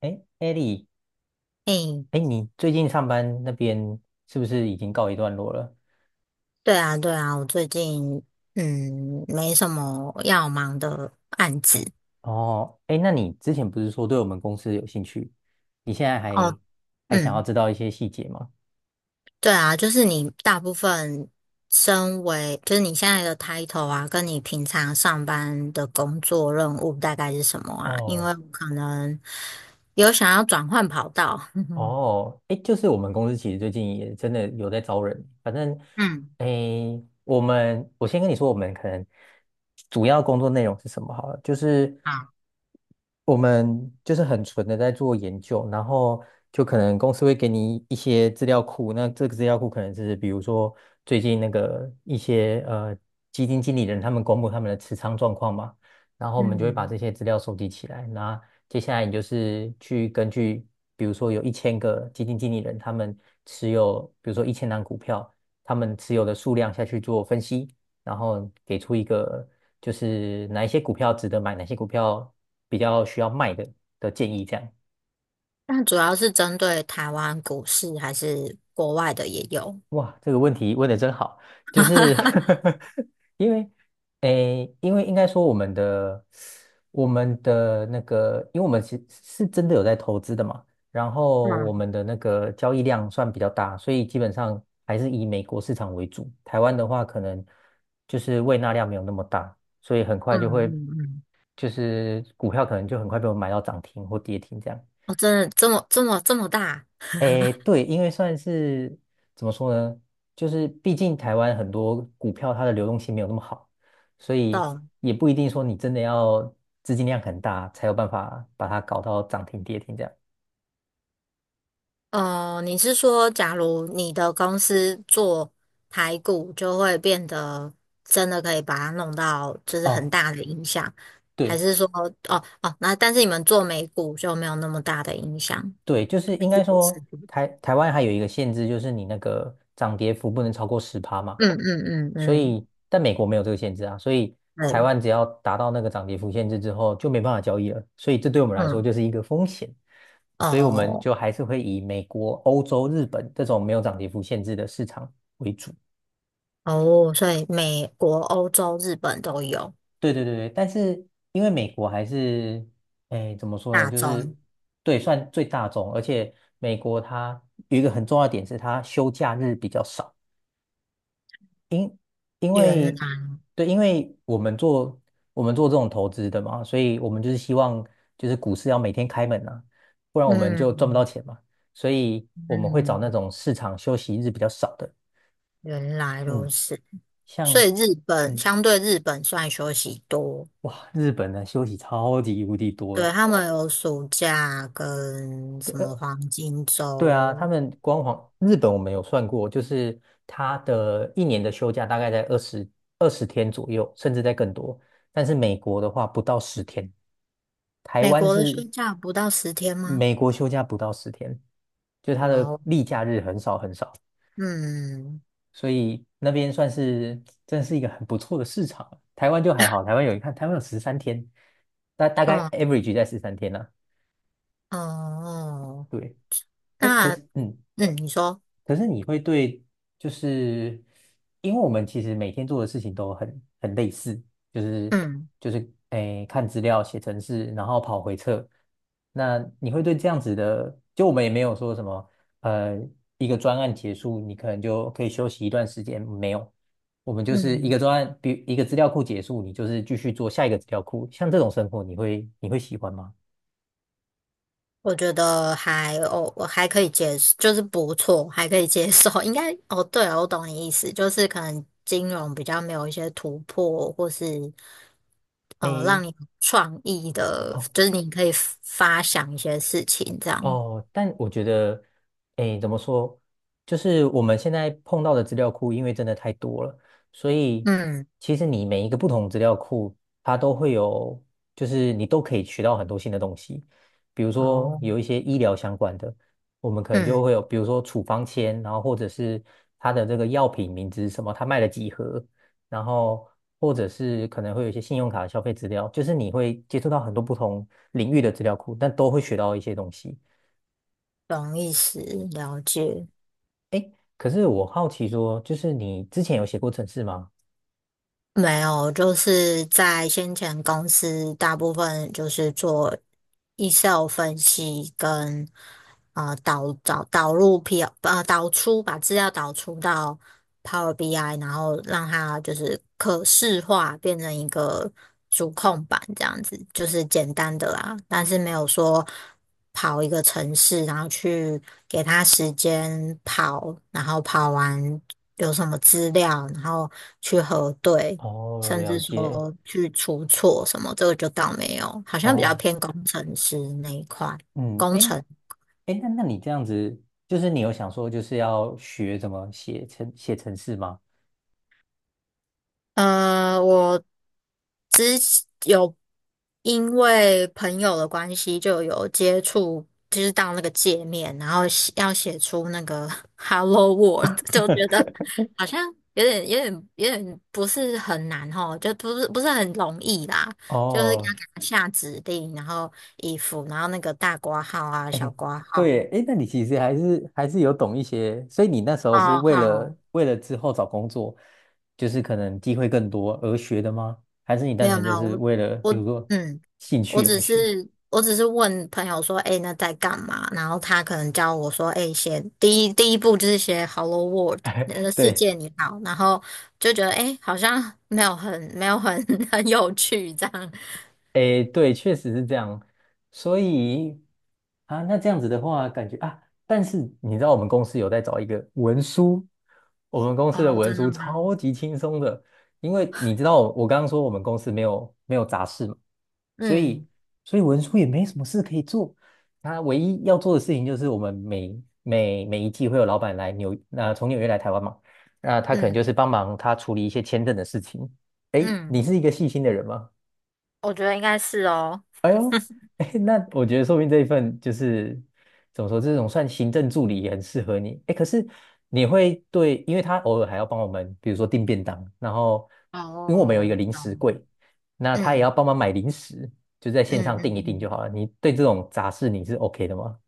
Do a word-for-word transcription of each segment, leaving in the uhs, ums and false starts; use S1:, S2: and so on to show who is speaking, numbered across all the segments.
S1: 哎，艾莉，
S2: 诶，
S1: 哎，你最近上班那边是不是已经告一段落了？
S2: 对啊，对啊，我最近嗯没什么要忙的案子。
S1: 哦，哎，那你之前不是说对我们公司有兴趣？你现在还
S2: 哦，
S1: 还想要
S2: 嗯，
S1: 知道一些细节吗？
S2: 对啊，就是你大部分身为就是你现在的 title 啊，跟你平常上班的工作任务大概是什么啊？因为
S1: 哦，
S2: 我可能有想要转换跑道，嗯
S1: 哦，哎，就是我们公司其实最近也真的有在招人，反正，
S2: 嗯，
S1: 哎，我们我先跟你说，我们可能主要工作内容是什么好了，就是
S2: 好，
S1: 我们就是很纯的在做研究，然后就可能公司会给你一些资料库，那这个资料库可能是比如说最近那个一些呃基金经理人他们公布他们的持仓状况嘛，然后我们就会把
S2: 嗯，
S1: 这些资料收集起来，那。接下来你就是去根据，比如说有一千个基金经理人，他们持有，比如说一千档股票，他们持有的数量下去做分析，然后给出一个就是哪一些股票值得买，哪些股票比较需要卖的的建议，这样。
S2: 那主要是针对台湾股市还是国外的也有？
S1: 哇，这个问题问的真好，就是
S2: 嗯
S1: 因为，诶，因为应该说我们的我们的那个，因为我们是是真的有在投资的嘛，然后我们的那个交易量算比较大，所以基本上还是以美国市场为主。台湾的话，可能就是胃纳量没有那么大，所以很
S2: 嗯
S1: 快就会
S2: 嗯嗯，
S1: 就是股票可能就很快被我们买到涨停或跌停这样。
S2: 哦，真的这么这么这么大。
S1: 诶，对，因为算是怎么说呢，就是毕竟台湾很多股票它的流动性没有那么好，所以
S2: 懂。
S1: 也不一定说你真的要资金量很大才有办法把它搞到涨停跌停这样。
S2: 呃，你是说，假如你的公司做排骨，就会变得真的可以把它弄到就是很
S1: 哦，
S2: 大的影响，还
S1: 对
S2: 是说，哦哦，那但是你们做美股就没有那么大的影响？
S1: 对，就是
S2: 还
S1: 应
S2: 是
S1: 该
S2: 也是
S1: 说台台湾还有一个限制，就是你那个涨跌幅不能超过十趴嘛。
S2: 嗯嗯嗯
S1: 所
S2: 嗯，
S1: 以但美国没有这个限制啊，所以台
S2: 对，
S1: 湾只要达到那个涨跌幅限制之后就没办法交易了，所以这对我们来说
S2: 嗯，
S1: 就是一个风险，所以我们
S2: 哦
S1: 就还是会以美国、欧洲、日本这种没有涨跌幅限制的市场为主。
S2: 哦，所以美国、欧洲、日本都有
S1: 对对对对，但是因为美国还是，哎，怎么说呢？
S2: 大
S1: 就是
S2: 宗。
S1: 对，算最大众，而且美国它有一个很重要的点是它休假日比较少。因
S2: 原来，
S1: 为对，因为我们做我们做这种投资的嘛，所以我们就是希望就是股市要每天开门啊，不然我们就赚不到
S2: 嗯
S1: 钱嘛。所以我们会找那
S2: 嗯，
S1: 种市场休息日比较少的，
S2: 原来如
S1: 嗯，
S2: 此。所
S1: 像
S2: 以日本
S1: 嗯
S2: 相对日本算休息多，
S1: 哇，日本的休息超级无敌多了。
S2: 对，他们有暑假跟
S1: 对，
S2: 什么
S1: 呃
S2: 黄金
S1: 对啊，他
S2: 周。
S1: 们光皇日本我们有算过，就是他的一年的休假大概在二十二十天左右，甚至在更多。但是美国的话不到十天，台
S2: 美
S1: 湾
S2: 国的休
S1: 是
S2: 假不到十天吗？
S1: 美国休假不到十天，就它
S2: 哇
S1: 的
S2: 哦，
S1: 例假日很少很少，
S2: 嗯，
S1: 所以那边算是真是一个很不错的市场啊。台湾就还好，台湾有一看，台湾有十三天，大大概
S2: 哦
S1: average 在十三天呢，
S2: 哦，
S1: 对，哎，可
S2: 那
S1: 是嗯，
S2: 嗯，你说，
S1: 可是你会对，就是因为我们其实每天做的事情都很很类似，就是
S2: 嗯
S1: 就是诶看资料、写程式，然后跑回测。那你会对这样子的，就我们也没有说什么，呃，一个专案结束，你可能就可以休息一段时间，没有，我们就是一个
S2: 嗯，
S1: 专案，比一个资料库结束，你就是继续做下一个资料库，像这种生活，你会你会喜欢吗？
S2: 我觉得还哦，我还可以接受，就是不错，还可以接受。应该哦，对了，我懂你意思，就是可能金融比较没有一些突破，或是哦，
S1: 诶。
S2: 让你有创意的，
S1: 哦。
S2: 就是你可以发想一些事情这样。
S1: 哦，但我觉得，诶，怎么说？就是我们现在碰到的资料库，因为真的太多了，所以
S2: 嗯，
S1: 其实你每一个不同资料库，它都会有，就是你都可以学到很多新的东西。比如说
S2: 哦，
S1: 有一些医疗相关的，我们可能就会
S2: 嗯，
S1: 有，比如说处方签，然后或者是它的这个药品名字是什么，它卖了几盒，然后或者是可能会有一些信用卡的消费资料，就是你会接触到很多不同领域的资料库，但都会学到一些东西。
S2: 懂意思，了解。
S1: 可是我好奇说，就是你之前有写过程式吗？
S2: 没有，就是在先前公司大部分就是做 Excel 分析跟啊导导导入 P 呃导出把资料导出到 Power B I，然后让它就是可视化变成一个主控板这样子，就是简单的啦，但是没有说跑一个城市，然后去给它时间跑，然后跑完有什么资料，然后去核对。
S1: 哦，
S2: 甚
S1: 了
S2: 至
S1: 解。
S2: 说去出错什么，这个就倒没有，好像比较
S1: 哦，
S2: 偏工程师那一块，
S1: 嗯，
S2: 工
S1: 诶，
S2: 程。
S1: 诶，那那你这样子，就是你有想说，就是要学怎么写程写程式吗？
S2: 呃，我之前有因为朋友的关系，就有接触，就是到那个界面，然后写要写出那个 Hello World，就觉得 好像有点、有点、有点不是很难哦，就不是不是很容易啦，就是要给
S1: 哦，
S2: 他下指令，然后衣服，然后那个大括号啊、小括号、
S1: 对哎，诶，那你其实还是还是有懂一些，所以你那时候是
S2: 哦
S1: 为了
S2: 好。
S1: 为了之后找工作，就是可能机会更多而学的吗？还是你
S2: 没
S1: 单
S2: 有
S1: 纯
S2: 没
S1: 就
S2: 有，
S1: 是
S2: 我
S1: 为了比如
S2: 我
S1: 说
S2: 嗯，
S1: 兴
S2: 我
S1: 趣而
S2: 只是
S1: 学？
S2: 我只是问朋友说，哎，那在干嘛？然后他可能教我说，哎，写第一第一步就是写 "Hello World"，呃，世
S1: 对。
S2: 界你好，然后就觉得哎，好像没有很没有很 很有趣这样。
S1: 诶，对，确实是这样。所以啊，那这样子的话，感觉啊，但是你知道我们公司有在找一个文书，我们公司的
S2: 哦，
S1: 文
S2: 真的
S1: 书
S2: 吗？
S1: 超级轻松的，因为你知道我我刚刚说我们公司没有没有杂事嘛，所以
S2: 嗯
S1: 所以文书也没什么事可以做。他唯一要做的事情就是我们每每每一季会有老板来纽，那，从纽约来台湾嘛，那他可能就
S2: 嗯
S1: 是帮忙他处理一些签证的事情。诶，你
S2: 嗯，
S1: 是一个细心的人吗？
S2: 我觉得应该是哦。
S1: 哎，那我觉得说不定这一份就是怎么说，这种算行政助理也很适合你。哎，可是你会对，因为他偶尔还要帮我们，比如说订便当，然后因为我们有一个
S2: 哦，
S1: 零食
S2: 懂。
S1: 柜，那他也要
S2: 嗯
S1: 帮忙买零食，就在线
S2: 嗯
S1: 上
S2: 嗯
S1: 订一订就
S2: 嗯
S1: 好了。你对这种杂事你是 OK 的吗？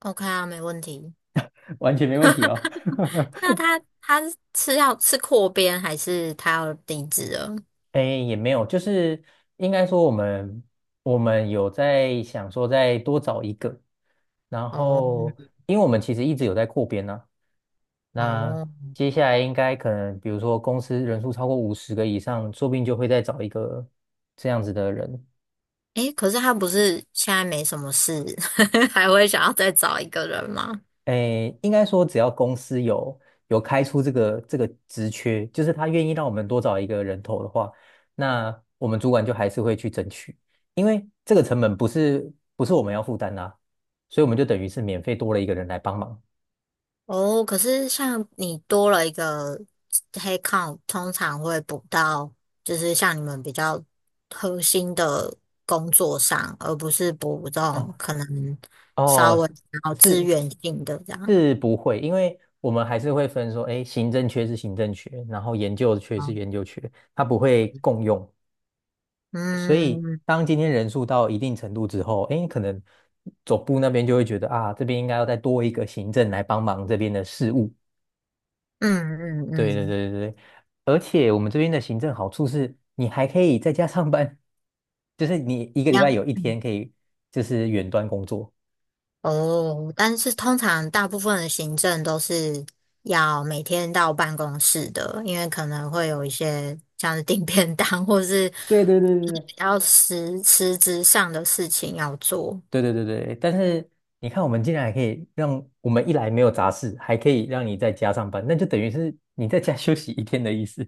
S2: ，OK 啊，没问题。
S1: 完全没问题哦。
S2: 那他他是要吃扩编还是他要离职了？
S1: 哎，也没有，就是应该说我们我们有在想说再多找一个，然
S2: 哦
S1: 后因为我们其实一直有在扩编呢。那
S2: 哦，
S1: 接下来应该可能，比如说公司人数超过五十个以上，说不定就会再找一个这样子的人。
S2: 诶，可是他不是现在没什么事，还会想要再找一个人吗？
S1: 诶，应该说只要公司有有开出这个这个职缺，就是他愿意让我们多找一个人头的话，那我们主管就还是会去争取，因为这个成本不是不是我们要负担啦，所以我们就等于是免费多了一个人来帮忙。
S2: 哦，可是像你多了一个黑 e 通常会补到，就是像你们比较核心的工作上，而不是补这种
S1: 哦
S2: 可能稍
S1: 哦，
S2: 微比较资
S1: 是
S2: 源性的这样。
S1: 是不会，因为我们还是会分说，哎，行政缺是行政缺，然后研究缺是
S2: 哦
S1: 研究缺，它不会共用。所以
S2: 嗯
S1: 当今天人数到一定程度之后，哎，可能总部那边就会觉得啊，这边应该要再多一个行政来帮忙这边的事务。
S2: 嗯嗯
S1: 对对
S2: 嗯，
S1: 对对对，而且我们这边的行政好处是，你还可以在家上班，就是你一个
S2: 一
S1: 礼
S2: 样。
S1: 拜有一
S2: 嗯
S1: 天可以就是远端工作。
S2: 哦，但是通常大部分的行政都是要每天到办公室的，因为可能会有一些像是订便当或是
S1: 对对对对
S2: 就是
S1: 对
S2: 比较实实质上的事情要做。
S1: 对对对对，但是你看，我们竟然还可以让我们一来没有杂事，还可以让你在家上班，那就等于是你在家 休息一天的意思。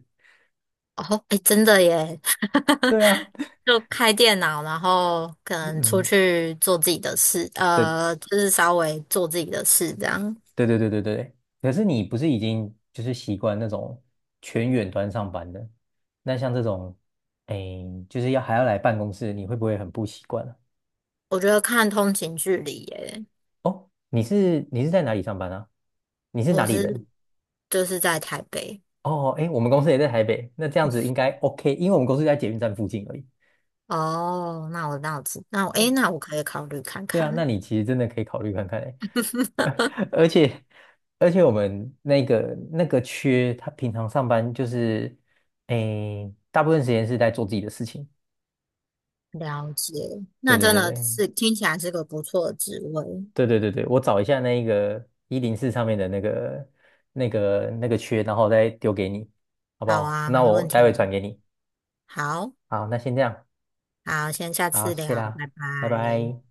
S2: 哦，哎，真的耶，
S1: 对啊，
S2: 就开电脑，然后可 能出
S1: 嗯，
S2: 去做自己的事，
S1: 对
S2: 呃，就是稍微做自己的事这样。
S1: 对对对对对。可是你不是已经就是习惯那种全远端上班的？那像这种，哎，就是要还要来办公室，你会不会很不习惯啊？
S2: 我觉得看通勤距离耶，
S1: 哦，你是你是在哪里上班啊？你是哪
S2: 我
S1: 里人？
S2: 是就是在台北。
S1: 哦，哎，我们公司也在台北，那这样子应该 OK，因为我们公司在捷运站附近而已。
S2: 哦，那我那我知，那我诶，那我可以考虑看
S1: 对啊，那
S2: 看。
S1: 你其实真的可以考虑看看欸，而且而且我们那个那个缺，他平常上班就是，诶，大部分时间是在做自己的事情。
S2: 了解，
S1: 对
S2: 那
S1: 对
S2: 真
S1: 对
S2: 的
S1: 对
S2: 是听起来是个不错的职位。
S1: 对对对对，我找一下那个一零四上面的那个那个那个缺，然后再丢给你，好不
S2: 好
S1: 好？
S2: 啊，
S1: 那
S2: 没
S1: 我
S2: 问
S1: 待会
S2: 题
S1: 转
S2: 啊。
S1: 给你。
S2: 好，
S1: 好，那先这样，
S2: 好，先下
S1: 好，
S2: 次
S1: 谢
S2: 聊，
S1: 啦，
S2: 拜
S1: 拜
S2: 拜。
S1: 拜。